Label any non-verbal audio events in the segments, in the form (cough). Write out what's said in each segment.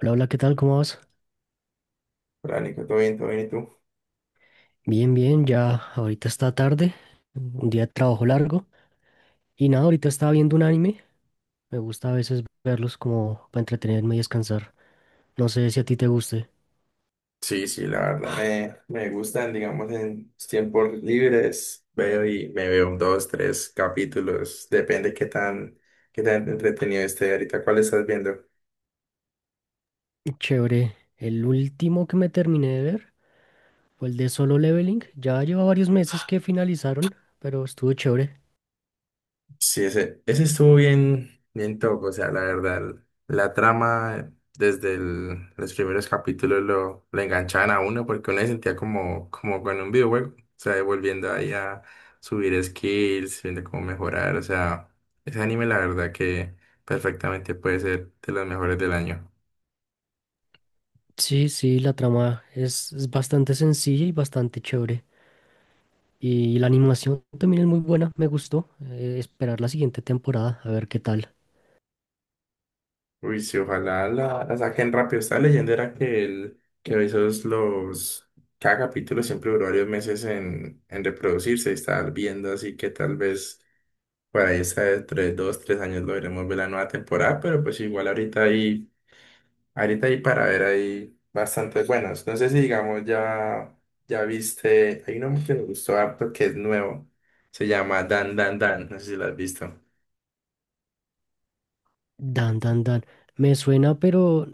Hola, hola, ¿qué tal? ¿Cómo vas? Hola, Nico, ¿todo bien? ¿Todo bien? ¿Y tú? Bien, bien, ya ahorita está tarde, un día de trabajo largo y nada, ahorita estaba viendo un anime, me gusta a veces verlos como para entretenerme y descansar, no sé si a ti te guste. Sí, sí, la verdad me gustan, digamos, en mis tiempos libres. Veo y me veo un, dos, tres capítulos. Depende qué tan entretenido esté ahorita. ¿Cuál estás viendo? Chévere, el último que me terminé de ver fue el de Solo Leveling, ya lleva varios meses que finalizaron, pero estuvo chévere. Sí, ese estuvo bien, bien top, o sea, la verdad, la trama desde los primeros capítulos lo enganchaban a uno porque uno se sentía como con un videojuego, o sea, volviendo ahí a subir skills, viendo cómo mejorar, o sea, ese anime la verdad que perfectamente puede ser de los mejores del año. Sí, sí, la trama es bastante sencilla y bastante chévere. Y la animación también es muy buena, me gustó. Esperar la siguiente temporada, a ver qué tal. Uy, sí, ojalá la saquen rápido. Esta leyenda era que que Bezos los, cada capítulo siempre duró varios meses en reproducirse y estar viendo, así que tal vez por ahí está dentro de 2, 3 años logremos ver la nueva temporada, pero pues igual ahorita hay para ver ahí bastante buenas. No sé si digamos ya, ya viste, hay uno que me gustó harto que es nuevo, se llama Dan Dan Dan, no sé si lo has visto. Dan, dan, dan. Me suena, pero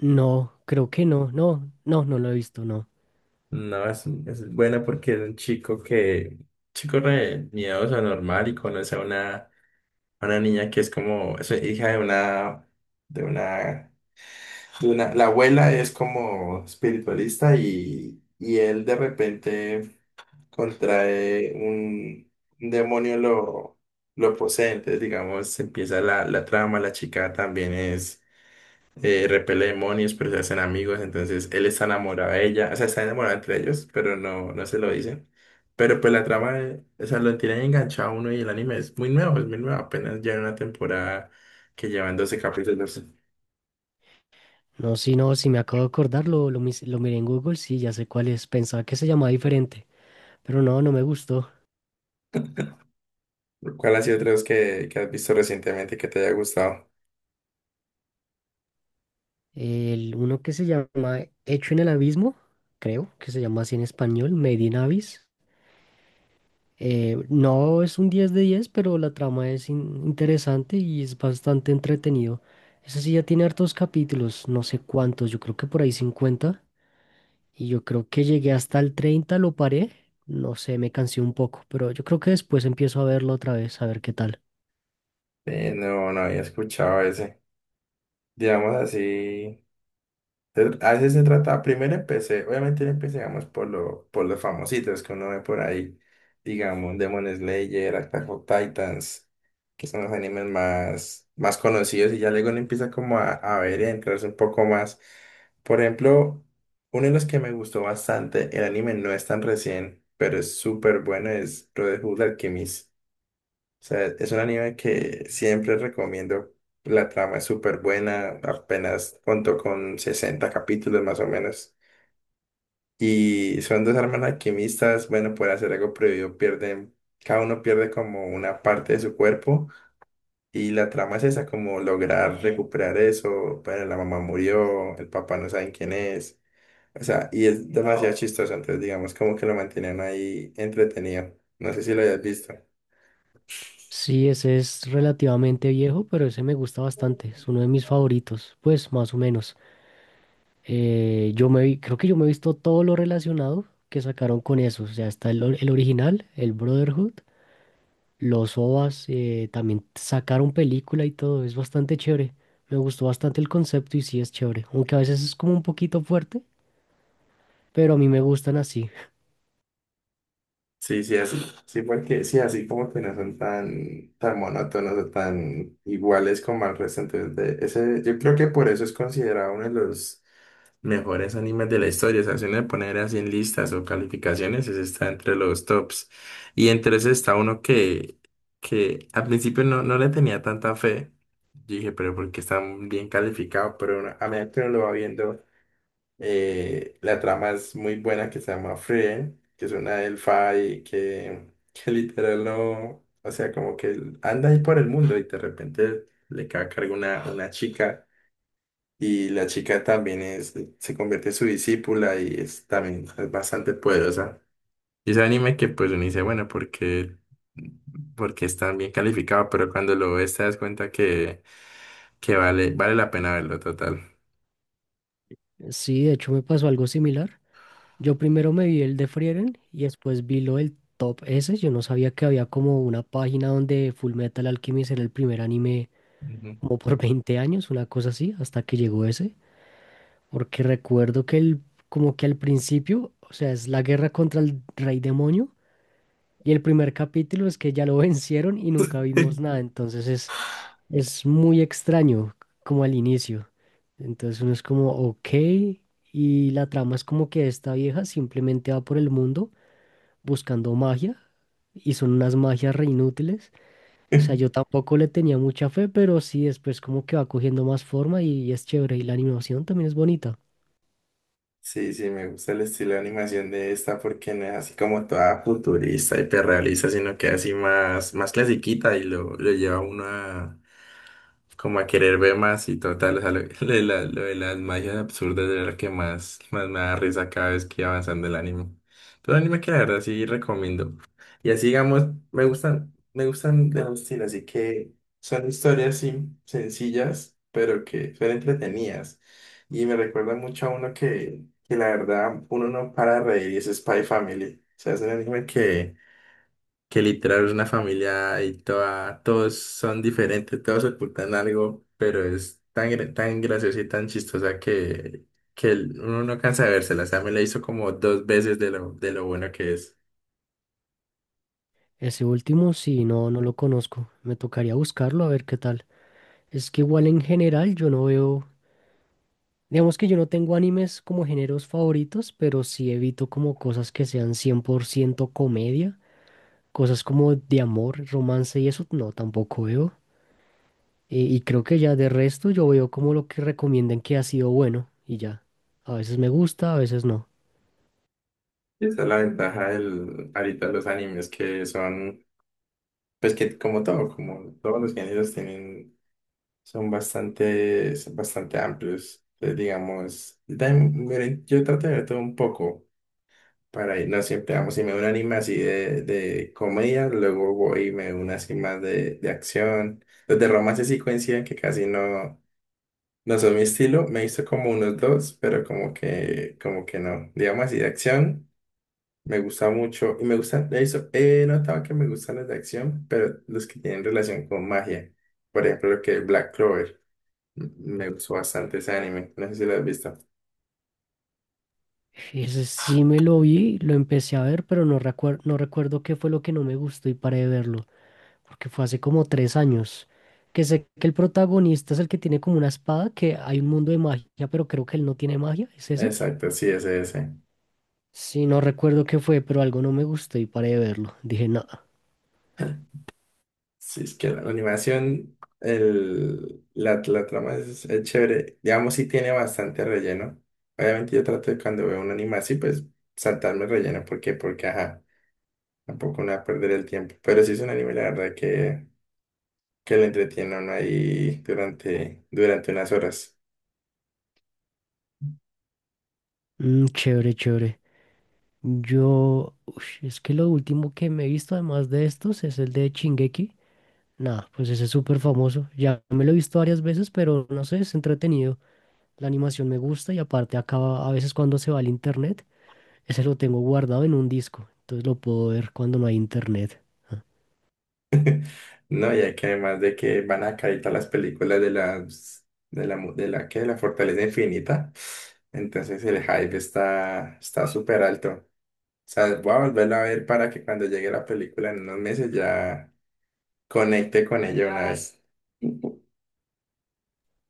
no, creo que no, no lo he visto, no. No, es buena porque es un chico re miedoso, normal y conoce a a una niña que es como, es hija de de una, una, la abuela es como espiritualista y él de repente contrae un demonio lo posee, entonces digamos, empieza la trama, la chica también es repele demonios, pero se hacen amigos, entonces él está enamorado de ella, o sea, está enamorado entre ellos, pero no, no se lo dicen. Pero pues la trama, o sea, lo tienen enganchado a uno y el anime es muy nuevo, apenas lleva una temporada que llevan 12 capítulos. No, si no, si me acabo de acordar, lo miré en Google, sí, ya sé cuál es. Pensaba que se llamaba diferente, pero no, no me gustó. ¿Cuál ha sido otro que has visto recientemente que te haya gustado? El uno que se llama Hecho en el Abismo, creo que se llama así en español, Made in Abyss. No es un 10 de 10, pero la trama es interesante y es bastante entretenido. Ese sí ya tiene hartos capítulos, no sé cuántos, yo creo que por ahí 50. Y yo creo que llegué hasta el 30, lo paré. No sé, me cansé un poco, pero yo creo que después empiezo a verlo otra vez, a ver qué tal. No, no había escuchado ese. Digamos así. A veces se trata, primero empecé, obviamente empezamos por los famositos que uno ve por ahí, digamos, Demon Slayer, Attack on Titans, que son los animes más conocidos y ya luego uno empieza como a ver y a entrarse un poco más. Por ejemplo, uno de los que me gustó bastante, el anime no es tan recién, pero es súper bueno, es Brotherhood Alchemist. O sea, es un anime que siempre recomiendo. La trama es súper buena, apenas contó con 60 capítulos más o menos. Y son dos hermanas alquimistas, bueno, por hacer algo prohibido pierden, cada uno pierde como una parte de su cuerpo. Y la trama es esa, como lograr recuperar eso. Bueno, la mamá murió, el papá no saben quién es. O sea, y es demasiado chistoso, entonces digamos como que lo mantienen ahí entretenido. No sé si lo hayas visto. Sí, ese es relativamente viejo, pero ese me gusta bastante. Es uno de mis favoritos, pues más o menos. Yo me vi, creo que yo me he visto todo lo relacionado que sacaron con eso. O sea, está el original, el Brotherhood, los OVAs, también sacaron película y todo. Es bastante chévere. Me gustó bastante el concepto y sí es chévere, aunque a veces es como un poquito fuerte, pero a mí me gustan así. Sí, sí, así. Sí, porque sí, así como que no son tan, tan monótonos o tan iguales como al resto. Entonces, ese, yo creo que por eso es considerado uno de los mejores animes de la historia. O sea, si uno le poner así en listas o calificaciones, ese está entre los tops. Y entre ese está uno que al principio no, no le tenía tanta fe. Yo dije, pero porque está bien calificado, pero uno- a medida que uno lo va viendo. La trama es muy buena que se llama Frieren, que es una elfa y que, (laughs) que literal no, o sea, como que anda ahí por el mundo y de repente le cae a cargo una chica y la chica también se convierte en su discípula y es también es bastante poderosa. Y ese anime que pues uno dice, bueno, porque es tan bien calificado, pero cuando lo ves te das cuenta que vale la pena verlo total. Sí, de hecho me pasó algo similar. Yo primero me vi el de Frieren y después vi lo del Top S. Yo no sabía que había como una página donde Full Metal Alchemist era el primer anime Ujú. como por (laughs) 20 años, una cosa así, hasta que llegó ese. Porque recuerdo que el, como que al principio, o sea, es la guerra contra el rey demonio y el primer capítulo es que ya lo (laughs) vencieron y nunca vimos nada. Entonces es muy extraño, como al inicio. Entonces uno es como, ok, y la trama es como que esta vieja simplemente va por el mundo buscando magia, y son unas magias re inútiles. O sea, yo (laughs) tampoco le tenía mucha fe, pero sí después como que va cogiendo más forma y es chévere, y la animación también es bonita. Sí, sí, me gusta el estilo de animación de esta porque no es así como toda futurista, hiperrealista, sino que así más clasiquita y lo lleva uno como a querer ver más y total, o sea, lo, (laughs) lo de las magias absurdas era lo que más me da risa cada vez que iba avanzando el anime. Todo anime que la verdad sí recomiendo. Y así digamos, me gustan de los estilos, así que son historias sí, sencillas, pero que son entretenidas. Y me recuerda mucho a uno que la verdad uno no para de reír y es Spy Family. O sea, es un anime que literal es una familia y toda, todos son diferentes, todos ocultan algo, pero es tan graciosa y tan chistosa que uno no cansa de vérsela. O sea, me la hizo como dos veces de de lo bueno que es. Ese último sí, no, no lo conozco. Me tocaría buscarlo a ver qué tal. Es que igual en general yo no veo. Digamos que yo no tengo animes como géneros favoritos, pero sí evito como cosas que sean 100% comedia, cosas como de amor, romance y eso, no, tampoco veo. Y creo que ya de resto yo veo como lo que recomienden que ha sido bueno y ya. A veces me gusta, a veces no. Y esa es la ventaja ahorita los animes que son, pues que como todo, como todos los géneros tienen, son bastante amplios. Entonces, digamos, yo también, miren, yo trato de ver todo un poco. Para ir, no siempre vamos y me veo un anime así de comedia, luego voy y me veo una así más de acción. Los de romance sí coinciden que casi no, no son mi estilo. Me he visto como unos dos, pero como que no. Digamos así de acción, me gusta mucho. Y de eso he notado que me gustan los de acción, pero los que tienen relación con magia. Por ejemplo, lo que es Black Clover. Me gustó bastante ese anime. No sé si lo has visto. Ese sí me lo vi, lo empecé a ver, pero no recuerdo qué fue lo que no me gustó y paré de verlo, porque fue hace como 3 años, que sé que el protagonista es el que tiene como una espada, que hay un mundo de magia, pero creo que él no tiene magia, ¿es ese? Exacto, sí, ese, ese. Sí, no recuerdo qué fue, pero algo no me gustó y paré de verlo. Dije, nada, Sí, es que la animación, la trama es chévere. Digamos, sí tiene bastante relleno. Obviamente yo trato de cuando veo un anime así, pues saltarme el relleno. ¿Por qué? Porque, ajá, tampoco me va a perder el tiempo. Pero sí es un anime, la verdad, que lo entretiene a uno ahí durante unas horas. chévere, chévere. Yo, ush, es que lo último que me he visto, además de estos, es el de Shingeki. Nada, pues ese es súper famoso. Ya me lo he visto varias veces, pero no sé, es entretenido. La animación me gusta y aparte acaba a veces cuando se va al internet. Ese lo tengo guardado en un disco, entonces lo puedo ver cuando no hay internet. No, y hay que además de que van a caer todas las películas de la, ¿qué? De la Fortaleza Infinita. Entonces el hype está súper alto. O sea, voy a volverla a ver para que cuando llegue la película en unos meses ya conecte con ella una vez.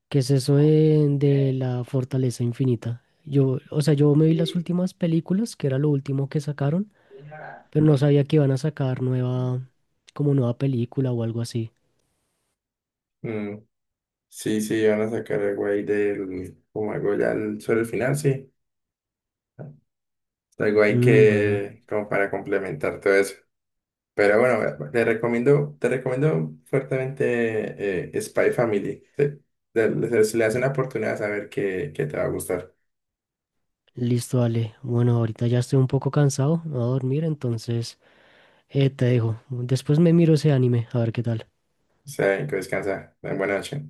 ¿Qué es eso de la Fortaleza Infinita? Yo, o sea, yo me vi las últimas películas, que era lo último que sacaron, pero no sabía que iban a sacar nueva, como nueva película o algo así. Mm, sí, sí, van a sacar algo ahí como algo ya sobre el final, sí. Algo ahí Mm, bueno, como para complementar todo eso. Pero bueno, te recomiendo fuertemente Spy Family. Se le hace una oportunidad a saber que te va a gustar. listo, Ale. Bueno, ahorita ya estoy un poco cansado, me voy a dormir, entonces te dejo. Después me miro ese anime, a ver qué tal. O sea, que descansa. Buenas noches.